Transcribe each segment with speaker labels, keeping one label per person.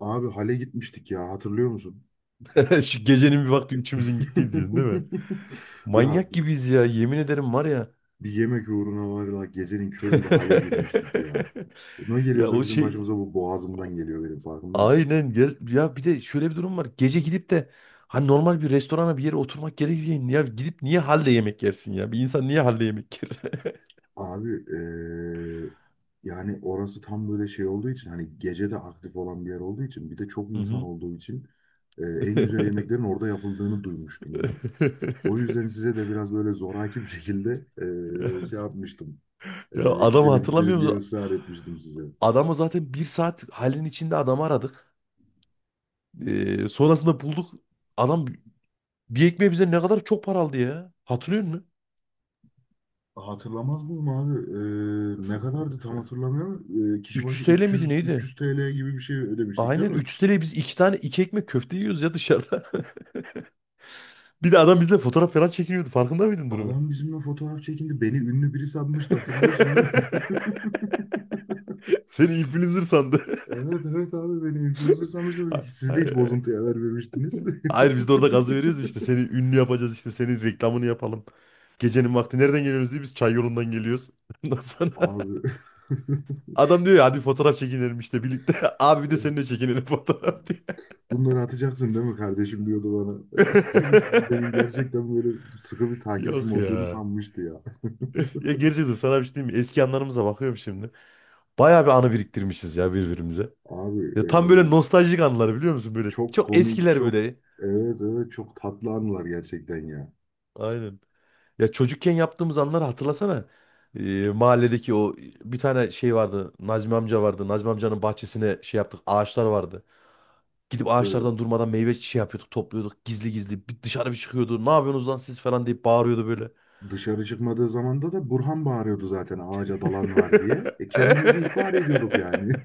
Speaker 1: Abi Hale gitmiştik ya hatırlıyor musun?
Speaker 2: Şu gecenin bir vakti üçümüzün gittiği diyorsun değil mi?
Speaker 1: Ya
Speaker 2: Manyak
Speaker 1: bir,
Speaker 2: gibiyiz ya yemin ederim var ya.
Speaker 1: bir yemek uğruna var ya gecenin köründe Hale girmiştik ya. Ne
Speaker 2: Ya
Speaker 1: geliyorsa
Speaker 2: o
Speaker 1: bizim
Speaker 2: şey
Speaker 1: başımıza bu boğazımdan geliyor benim farkında mısın?
Speaker 2: aynen gel ya, bir de şöyle bir durum var. Gece gidip de hani normal bir restorana bir yere oturmak gerekirken ya gidip niye halde yemek yersin ya? Bir insan niye halde yemek yer?
Speaker 1: Abi yani orası tam böyle şey olduğu için hani gece de aktif olan bir yer olduğu için bir de çok
Speaker 2: Hı
Speaker 1: insan
Speaker 2: hı.
Speaker 1: olduğu için en güzel yemeklerin orada yapıldığını duymuştum ben. O yüzden size de biraz böyle zoraki bir şekilde
Speaker 2: Ya,
Speaker 1: şey yapmıştım.
Speaker 2: adamı
Speaker 1: Gidelim
Speaker 2: hatırlamıyor
Speaker 1: gidelim diye
Speaker 2: musun?
Speaker 1: ısrar etmiştim size.
Speaker 2: Adamı zaten bir saat halin içinde adamı aradık. Sonrasında bulduk. Adam bir ekmeğe bize ne kadar çok para aldı ya. Hatırlıyor musun?
Speaker 1: Hatırlamaz mıyım abi? Ne kadardı tam hatırlamıyorum. Kişi
Speaker 2: 300
Speaker 1: başı
Speaker 2: TL miydi
Speaker 1: 300
Speaker 2: neydi?
Speaker 1: 300 TL gibi bir şey ödemiştik değil
Speaker 2: Aynen
Speaker 1: mi?
Speaker 2: 300 TL'ye biz iki tane iki ekmek köfte yiyoruz ya dışarıda. Bir de adam bizle fotoğraf falan çekiniyordu. Farkında mıydın durumu?
Speaker 1: Adam bizimle fotoğraf çekindi. Beni ünlü biri sanmıştı hatırlıyorsun değil mi?
Speaker 2: Seni influencer sandı.
Speaker 1: Evet evet abi beni influencer sanmıştı.
Speaker 2: Ha-
Speaker 1: Siz de hiç
Speaker 2: ha-
Speaker 1: bozuntuya vermemiştiniz.
Speaker 2: Hayır, biz de orada gazı veriyoruz işte. Seni ünlü yapacağız işte. Senin reklamını yapalım. Gecenin vakti nereden geliyoruz diye, biz çay yolundan geliyoruz. Ondan sonra
Speaker 1: Abi
Speaker 2: adam diyor ya hadi fotoğraf çekinelim işte birlikte. Abi bir de seninle çekinelim fotoğraf diye.
Speaker 1: bunları atacaksın değil mi kardeşim diyordu bana. Benim gerçekten böyle sıkı bir takipçim
Speaker 2: Yok
Speaker 1: olduğunu
Speaker 2: ya.
Speaker 1: sanmıştı ya.
Speaker 2: Ya gerçekten sana bir şey diyeyim mi? Eski anılarımıza bakıyorum şimdi. Bayağı bir anı biriktirmişiz ya birbirimize.
Speaker 1: Abi
Speaker 2: Ya
Speaker 1: e,
Speaker 2: tam böyle nostaljik anılar biliyor musun? Böyle
Speaker 1: Çok
Speaker 2: çok
Speaker 1: komik,
Speaker 2: eskiler böyle.
Speaker 1: evet evet çok tatlı anılar gerçekten ya.
Speaker 2: Aynen. Ya çocukken yaptığımız anları hatırlasana. Mahalledeki o bir tane şey vardı. Nazmi amca vardı. Nazmi amcanın bahçesine şey yaptık. Ağaçlar vardı. Gidip
Speaker 1: Ee,
Speaker 2: ağaçlardan durmadan meyve şey yapıyorduk, topluyorduk. Gizli gizli bir dışarı bir çıkıyordu. Ne yapıyorsunuz lan siz falan deyip bağırıyordu böyle.
Speaker 1: Dışarı çıkmadığı zamanda da Burhan bağırıyordu zaten ağaca dalan var diye. Kendimizi ihbar ediyorduk yani.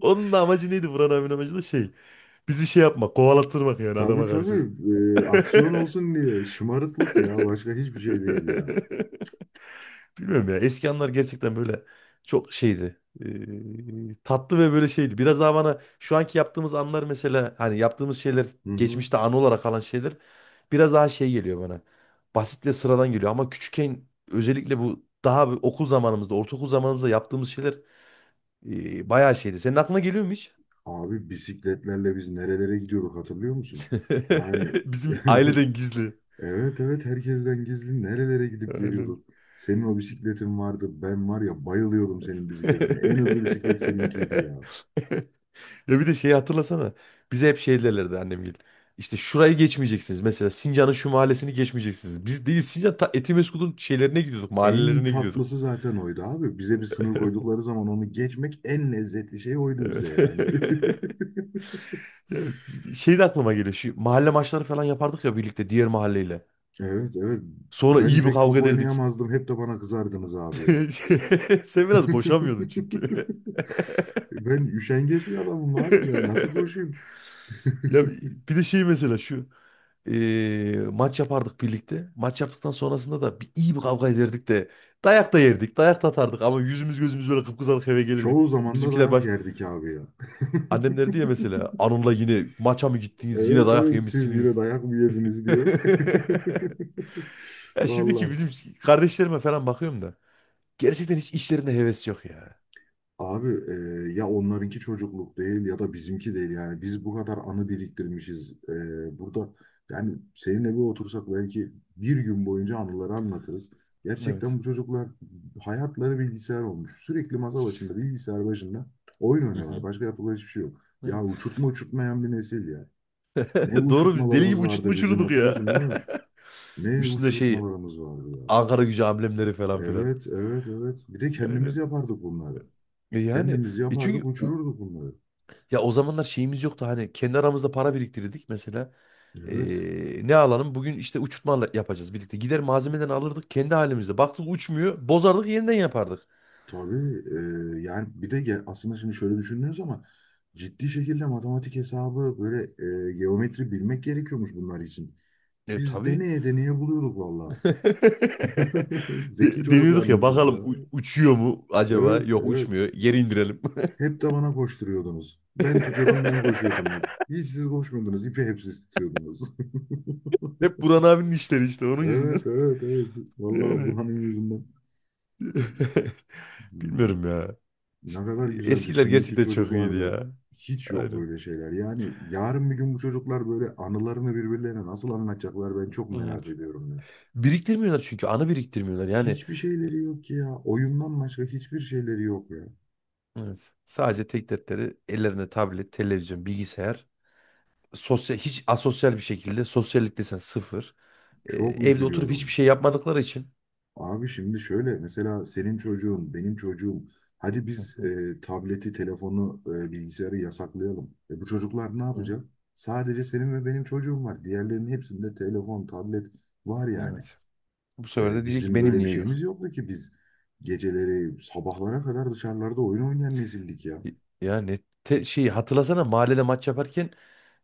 Speaker 2: Onun da amacı neydi? Buran abinin amacı da şey. Bizi şey yapmak, kovalattırmak yani
Speaker 1: Tabii
Speaker 2: adama karşı.
Speaker 1: tabii. Aksiyon olsun diye şımarıklık ya, başka hiçbir şey değil ya.
Speaker 2: Bilmiyorum ya. Eski anlar gerçekten böyle çok şeydi. Tatlı ve böyle şeydi. Biraz daha bana şu anki yaptığımız anlar mesela hani yaptığımız şeyler,
Speaker 1: Hı hı.
Speaker 2: geçmişte anı olarak kalan şeyler biraz daha şey geliyor bana. Basit ve sıradan geliyor ama küçükken, özellikle bu daha bir okul zamanımızda, ortaokul zamanımızda yaptığımız şeyler bayağı şeydi. Senin aklına geliyor mu hiç?
Speaker 1: Abi bisikletlerle biz nerelere gidiyorduk hatırlıyor musun? Yani
Speaker 2: Bizim aileden gizli.
Speaker 1: evet evet herkesten gizli nerelere gidip
Speaker 2: Aynen.
Speaker 1: geliyorduk. Senin o bisikletin vardı. Ben var ya bayılıyordum senin bisikletine. En hızlı bisiklet seninkiydi ya.
Speaker 2: Ya bir de şeyi hatırlasana. Bize hep şey derlerdi annemgil. İşte şurayı geçmeyeceksiniz. Mesela Sincan'ın şu mahallesini geçmeyeceksiniz. Biz değil Sincan ta Etimesgut'un şeylerine gidiyorduk.
Speaker 1: En
Speaker 2: Mahallelerine gidiyorduk.
Speaker 1: tatlısı zaten oydu abi. Bize bir sınır koydukları zaman onu geçmek en lezzetli şey oydu bize
Speaker 2: Evet.
Speaker 1: yani.
Speaker 2: Ya şey de aklıma geliyor. Şu mahalle maçları falan yapardık ya birlikte diğer mahalleyle.
Speaker 1: Evet evet.
Speaker 2: Sonra
Speaker 1: Ben
Speaker 2: iyi bir
Speaker 1: pek
Speaker 2: kavga
Speaker 1: top
Speaker 2: ederdik.
Speaker 1: oynayamazdım. Hep de bana kızardınız abi ya.
Speaker 2: Sen biraz koşamıyordun çünkü.
Speaker 1: Ben üşengeç bir adamım abi. Ben nasıl koşayım?
Speaker 2: Ya bir de şey mesela şu maç yapardık birlikte. Maç yaptıktan sonrasında da bir iyi bir kavga ederdik de, dayak da yerdik, dayak da atardık ama yüzümüz gözümüz böyle kıpkızarık eve gelirdik.
Speaker 1: Çoğu zaman da
Speaker 2: Bizimkiler
Speaker 1: dayak
Speaker 2: baş,
Speaker 1: yerdik abi ya.
Speaker 2: annem derdi ya mesela Anun'la yine maça mı gittiniz, yine
Speaker 1: Evet
Speaker 2: dayak
Speaker 1: evet, siz yine
Speaker 2: yemişsiniz.
Speaker 1: dayak mı yediniz diye.
Speaker 2: Ya şimdiki
Speaker 1: Valla
Speaker 2: bizim kardeşlerime falan bakıyorum da gerçekten hiç işlerinde heves yok ya.
Speaker 1: abi e, ya onlarınki çocukluk değil ya da bizimki değil yani, biz bu kadar anı biriktirmişiz. Burada yani seninle bir otursak belki bir gün boyunca anıları anlatırız.
Speaker 2: Evet.
Speaker 1: Gerçekten bu çocuklar hayatları bilgisayar olmuş. Sürekli masa başında, bilgisayar başında oyun
Speaker 2: Hı
Speaker 1: oynuyorlar.
Speaker 2: hı.
Speaker 1: Başka yapılan hiçbir şey yok.
Speaker 2: Evet.
Speaker 1: Ya uçurtma uçurtmayan bir nesil ya. Ne
Speaker 2: Doğru, biz deli gibi
Speaker 1: uçurtmalarımız vardı bizim,
Speaker 2: uçutmuşurduk ya.
Speaker 1: hatırlıyorsun değil mi? Ne
Speaker 2: Üstünde şey,
Speaker 1: uçurtmalarımız vardı ya.
Speaker 2: Ankara Gücü amblemleri falan filan.
Speaker 1: Evet, evet, evet. Bir de kendimiz
Speaker 2: Aynen.
Speaker 1: yapardık bunları.
Speaker 2: E yani,
Speaker 1: Kendimiz
Speaker 2: e
Speaker 1: yapardık,
Speaker 2: çünkü o-
Speaker 1: uçururduk bunları.
Speaker 2: ya o zamanlar şeyimiz yoktu hani, kendi aramızda para biriktirdik mesela.
Speaker 1: Evet.
Speaker 2: E, ne alalım? Bugün işte uçurtma yapacağız birlikte. Gider malzemeden alırdık kendi halimizde. Baktık uçmuyor, bozardık yeniden yapardık.
Speaker 1: Tabii aslında şimdi şöyle düşünüyoruz ama ciddi şekilde matematik hesabı böyle, geometri bilmek gerekiyormuş bunlar için.
Speaker 2: E
Speaker 1: Biz
Speaker 2: tabii.
Speaker 1: deneye deneye buluyorduk vallahi. Zeki
Speaker 2: Deniyorduk ya
Speaker 1: çocuklarmışız ya.
Speaker 2: bakalım uçuyor mu acaba?
Speaker 1: Evet,
Speaker 2: Yok
Speaker 1: evet.
Speaker 2: uçmuyor. Geri indirelim.
Speaker 1: Hep de bana koşturuyordunuz. Ben tutuyordum, ben koşuyordum hep. Hiç siz koşmuyordunuz, ipi hep siz tutuyordunuz.
Speaker 2: Hep Buran abinin işleri işte onun yüzünden.
Speaker 1: Evet, evet, evet. Vallahi
Speaker 2: Yani
Speaker 1: Burhan'ın yüzünden. Hmm.
Speaker 2: bilmiyorum ya.
Speaker 1: Ne
Speaker 2: İşte,
Speaker 1: kadar güzeldi.
Speaker 2: eskiler
Speaker 1: Şimdiki
Speaker 2: gerçekten çok iyiydi
Speaker 1: çocuklarda
Speaker 2: ya.
Speaker 1: hiç yok
Speaker 2: Aynen.
Speaker 1: böyle şeyler. Yani yarın bir gün bu çocuklar böyle anılarını birbirlerine nasıl anlatacaklar, ben çok merak ediyorum ya.
Speaker 2: Biriktirmiyorlar çünkü, anı biriktirmiyorlar. Yani
Speaker 1: Hiçbir
Speaker 2: e,
Speaker 1: şeyleri yok ki ya. Oyundan başka hiçbir şeyleri yok ya.
Speaker 2: evet, sadece tek dertleri ellerinde tablet, televizyon, bilgisayar. Sosyal, hiç asosyal bir şekilde, sosyallik desen sıfır. E,
Speaker 1: Çok
Speaker 2: evde oturup hiçbir
Speaker 1: üzülüyorum.
Speaker 2: şey yapmadıkları için.
Speaker 1: Abi şimdi şöyle, mesela senin çocuğun, benim çocuğum. Hadi
Speaker 2: Hı
Speaker 1: biz
Speaker 2: hı
Speaker 1: tableti, telefonu, bilgisayarı yasaklayalım. Bu çocuklar ne
Speaker 2: hı.
Speaker 1: yapacak? Sadece senin ve benim çocuğum var. Diğerlerinin hepsinde telefon, tablet var yani.
Speaker 2: Evet. Bu sefer de diyecek ki
Speaker 1: Bizim
Speaker 2: benim
Speaker 1: böyle bir
Speaker 2: niye yok?
Speaker 1: şeyimiz yoktu ki, biz geceleri sabahlara kadar dışarılarda oyun oynayan nesildik ya.
Speaker 2: Y- Ya şeyi hatırlasana mahallede maç yaparken,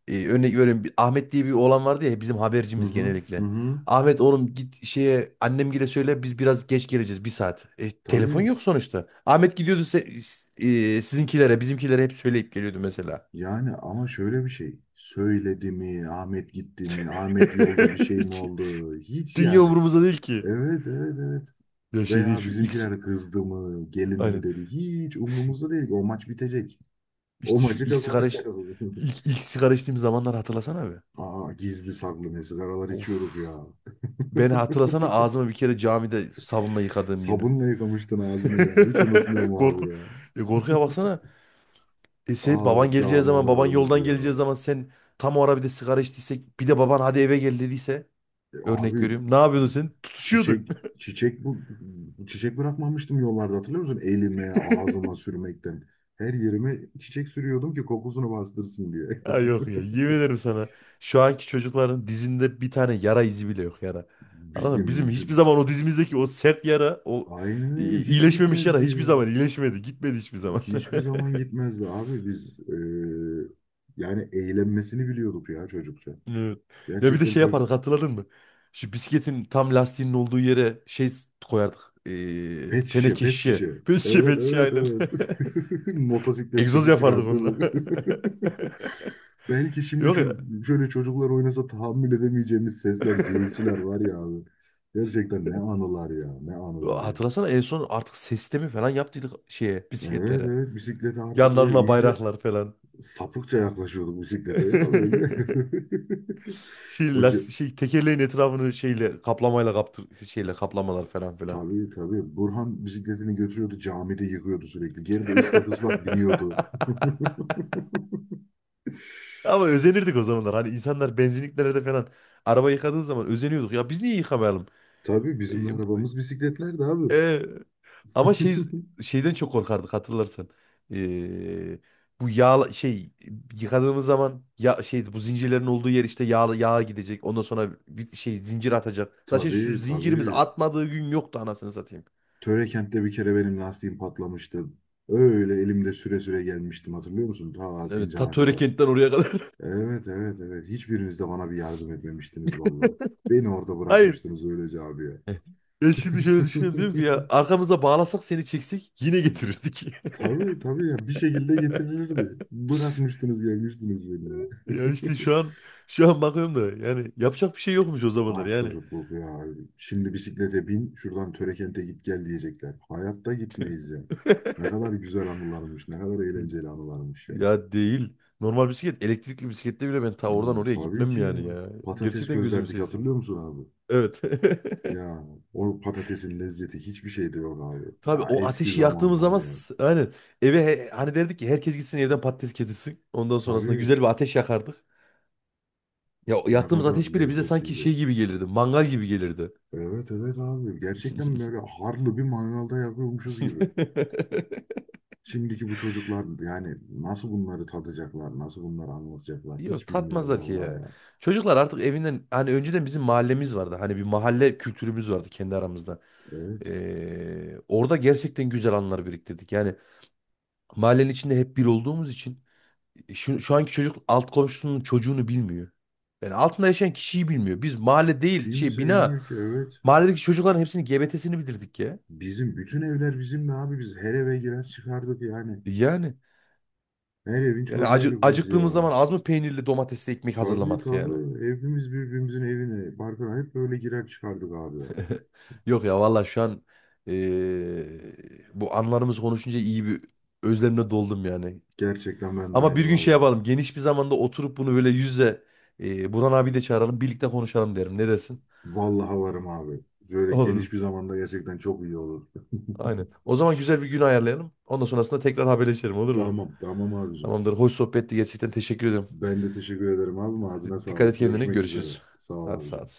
Speaker 2: Örnek veriyorum Ahmet diye bir oğlan vardı ya, bizim
Speaker 1: Hı
Speaker 2: habercimiz
Speaker 1: hı hı
Speaker 2: genellikle.
Speaker 1: hı.
Speaker 2: Ahmet oğlum git şeye annemgile söyle biz biraz geç geleceğiz bir saat. E, telefon
Speaker 1: Tabii,
Speaker 2: yok sonuçta. Ahmet gidiyordu sizinkilere bizimkilere hep söyleyip geliyordu mesela.
Speaker 1: yani ama şöyle bir şey. Söyledi mi? Ahmet gitti mi? Ahmet yolda bir şey mi
Speaker 2: Hiç
Speaker 1: oldu? Hiç
Speaker 2: dünya
Speaker 1: yani.
Speaker 2: umurumuzda değil ki.
Speaker 1: Evet evet evet.
Speaker 2: Ya şey değil,
Speaker 1: Veya bizimkiler kızdı mı? Gelin mi
Speaker 2: aynen
Speaker 1: dedi? Hiç umurumuzda değil ki. O maç bitecek. O
Speaker 2: işte şu
Speaker 1: maçı
Speaker 2: ilk sigara iç-
Speaker 1: kazanacağız.
Speaker 2: ilk sigara içtiğim zamanlar hatırlasana abi.
Speaker 1: Aa, gizli saklı ne sigaralar içiyorduk
Speaker 2: Of,
Speaker 1: ya.
Speaker 2: ben hatırlasana ağzımı bir kere camide sabunla yıkadığım günü.
Speaker 1: Sabunla yıkamıştın ağzını ya. Hiç unutmuyorum abi
Speaker 2: Korku,
Speaker 1: ya.
Speaker 2: korkuya baksana. E sen,
Speaker 1: Aa, cami
Speaker 2: baban
Speaker 1: analarımız
Speaker 2: yoldan
Speaker 1: ya.
Speaker 2: geleceği zaman sen tam o ara bir de sigara içtiysek, bir de baban hadi eve gel dediyse
Speaker 1: E,
Speaker 2: örnek
Speaker 1: abi
Speaker 2: veriyorum. Ne yapıyordun sen? Tutuşuyordun.
Speaker 1: çiçek çiçek bu çiçek bırakmamıştım yollarda, hatırlıyor musun? Elime, ağzıma sürmekten. Her yerime çiçek sürüyordum ki kokusunu bastırsın diye.
Speaker 2: Ha yok ya, yemin ederim sana. Şu anki çocukların dizinde bir tane yara izi bile yok, yara. Anladın mı? Bizim
Speaker 1: Bizim şu
Speaker 2: hiçbir zaman o dizimizdeki o sert yara, o
Speaker 1: Aynen öyle, hiç
Speaker 2: iyileşmemiş yara
Speaker 1: gitmezdi
Speaker 2: hiçbir
Speaker 1: ya.
Speaker 2: zaman iyileşmedi. Gitmedi hiçbir zaman.
Speaker 1: Hiçbir zaman gitmezdi abi, biz yani eğlenmesini biliyorduk ya, çocukça.
Speaker 2: Evet. Ya bir de
Speaker 1: Gerçekten
Speaker 2: şey yapardık
Speaker 1: çocuk.
Speaker 2: hatırladın mı? Şu bisikletin tam lastiğinin olduğu yere şey koyardık.
Speaker 1: Pet şişe
Speaker 2: Teneke
Speaker 1: pet
Speaker 2: şişe.
Speaker 1: şişe.
Speaker 2: Pet şişe
Speaker 1: Evet
Speaker 2: pet şişe
Speaker 1: evet
Speaker 2: aynen.
Speaker 1: evet. Motosiklet
Speaker 2: Egzoz
Speaker 1: sesi
Speaker 2: yapardık onunla.
Speaker 1: çıkartırdık. Belki şimdi
Speaker 2: Yok ya.
Speaker 1: şöyle çocuklar oynasa tahammül edemeyeceğimiz sesler, gürültüler var ya abi. Gerçekten ne anılar ya, ne anılar ya.
Speaker 2: Hatırlasana en son artık sistemi falan yaptıydık şeye,
Speaker 1: Evet
Speaker 2: bisikletlere.
Speaker 1: evet, bisiklete artık böyle
Speaker 2: Yanlarına
Speaker 1: iyice
Speaker 2: bayraklar falan.
Speaker 1: sapıkça yaklaşıyorduk bisiklete ya böyle.
Speaker 2: Şey,
Speaker 1: Hoca
Speaker 2: las şey tekerleğin etrafını şeyle kaplamayla kaptır, şeyle kaplamalar falan filan.
Speaker 1: tabii tabii, Burhan bisikletini götürüyordu, camide yıkıyordu sürekli. Geri de ıslak ıslak biniyordu.
Speaker 2: Ama özenirdik o zamanlar. Hani insanlar benzinliklerde falan araba yıkadığı zaman özeniyorduk. Ya biz niye yıkamayalım?
Speaker 1: Tabii
Speaker 2: E,
Speaker 1: bizim de arabamız bisikletlerdi abi.
Speaker 2: Ee, ama şey, şeyden çok korkardık hatırlarsan. Ee, bu yağ şey, yıkadığımız zaman ya şey bu zincirlerin olduğu yer işte yağ, yağ gidecek. Ondan sonra bir şey, zincir atacak. Zaten şu
Speaker 1: Tabii
Speaker 2: zincirimiz
Speaker 1: tabii.
Speaker 2: atmadığı gün yoktu anasını satayım.
Speaker 1: Törekent'te bir kere benim lastiğim patlamıştı. Öyle elimde süre süre gelmiştim, hatırlıyor musun? Ta
Speaker 2: Evet,
Speaker 1: Sincan'a
Speaker 2: Tatöre
Speaker 1: kadar.
Speaker 2: kentten oraya kadar.
Speaker 1: Evet evet evet. Hiçbiriniz de bana bir yardım etmemiştiniz valla. Beni orada
Speaker 2: Hayır.
Speaker 1: bırakmıştınız öylece, abiye.
Speaker 2: Eh. Ya şimdi şöyle düşünüyorum, diyorum ki ya arkamıza bağlasak seni çeksek yine getirirdik.
Speaker 1: Tabii tabii, ya bir şekilde getirilirdi. Bırakmıştınız, gelmiştiniz beni ya.
Speaker 2: Ya işte şu an bakıyorum da yani yapacak bir şey yokmuş o
Speaker 1: Ah,
Speaker 2: zamanlar yani.
Speaker 1: çocukluk ya. Şimdi bisiklete bin şuradan Törekent'e git gel diyecekler. Hayatta gitmeyiz ya. Ne kadar güzel anılarmış, ne kadar eğlenceli anılarmış ya.
Speaker 2: Ya değil. Normal bisiklet, elektrikli bisiklette bile ben ta oradan
Speaker 1: Hmm,
Speaker 2: oraya
Speaker 1: tabii
Speaker 2: gitmem
Speaker 1: ki ya.
Speaker 2: yani ya.
Speaker 1: Patates
Speaker 2: Gerçekten gözüm
Speaker 1: közlerdik,
Speaker 2: sesmez.
Speaker 1: hatırlıyor musun abi?
Speaker 2: Evet.
Speaker 1: Ya o patatesin lezzeti hiçbir şeyde yok abi.
Speaker 2: Tabii
Speaker 1: Ya
Speaker 2: o
Speaker 1: eski
Speaker 2: ateşi
Speaker 1: zaman
Speaker 2: yaktığımız
Speaker 1: var
Speaker 2: zaman
Speaker 1: ya.
Speaker 2: aynen eve, hani derdik ki herkes gitsin evden patates getirsin. Ondan sonrasında
Speaker 1: Tabii,
Speaker 2: güzel bir ateş yakardık. Ya o
Speaker 1: ne
Speaker 2: yaktığımız
Speaker 1: kadar
Speaker 2: ateş bile bize sanki
Speaker 1: lezzetliydi.
Speaker 2: şey gibi gelirdi, mangal gibi gelirdi.
Speaker 1: Evet evet abi, gerçekten böyle harlı bir mangalda yapıyormuşuz gibi. Şimdiki bu çocuklar yani nasıl bunları tadacaklar, nasıl bunları anlatacaklar
Speaker 2: Yok,
Speaker 1: hiç bilmiyorum
Speaker 2: tatmazlar ki
Speaker 1: vallahi
Speaker 2: ya.
Speaker 1: ya.
Speaker 2: Çocuklar artık evinden, hani önceden bizim mahallemiz vardı. Hani bir mahalle kültürümüz vardı kendi aramızda.
Speaker 1: Evet.
Speaker 2: Orada gerçekten güzel anılar biriktirdik. Yani mahallenin içinde hep bir olduğumuz için şu anki çocuk alt komşusunun çocuğunu bilmiyor. Yani altında yaşayan kişiyi bilmiyor. Biz mahalle değil, şey
Speaker 1: Kimse
Speaker 2: bina,
Speaker 1: bilmiyor ki, evet.
Speaker 2: mahalledeki çocukların hepsinin GBT'sini bildirdik ya.
Speaker 1: Bizim bütün evler bizimdi abi, biz her eve girer çıkardık yani.
Speaker 2: E, yani,
Speaker 1: Her evin
Speaker 2: yani
Speaker 1: çocuğuyduk biz ya.
Speaker 2: acıktığımız zaman az mı peynirli domatesli ekmek
Speaker 1: Tabii
Speaker 2: hazırlamadık yani.
Speaker 1: tabii. Evimiz birbirimizin evine. Barkına hep böyle girer çıkardık abi.
Speaker 2: Yok ya vallahi, şu an eee, bu anlarımız konuşunca iyi bir özlemle doldum yani.
Speaker 1: Gerçekten ben de
Speaker 2: Ama bir
Speaker 1: aynı,
Speaker 2: gün şey
Speaker 1: vallahi.
Speaker 2: yapalım, geniş bir zamanda oturup bunu böyle yüz yüze, Burhan abi de çağıralım birlikte konuşalım derim. Ne dersin?
Speaker 1: Vallahi varım abi. Böyle
Speaker 2: Olur.
Speaker 1: geniş bir zamanda gerçekten çok iyi olur.
Speaker 2: Aynen. O zaman güzel bir gün ayarlayalım. Ondan sonrasında tekrar haberleşelim, olur mu?
Speaker 1: Tamam tamam abicim.
Speaker 2: Tamamdır. Hoş sohbetti. Gerçekten teşekkür ederim.
Speaker 1: Ben de teşekkür ederim abim. Ağzına
Speaker 2: Hadi dikkat et
Speaker 1: sağlık.
Speaker 2: kendine.
Speaker 1: Görüşmek üzere.
Speaker 2: Görüşürüz.
Speaker 1: Sağ ol
Speaker 2: Hadi sağ ol.
Speaker 1: abicim.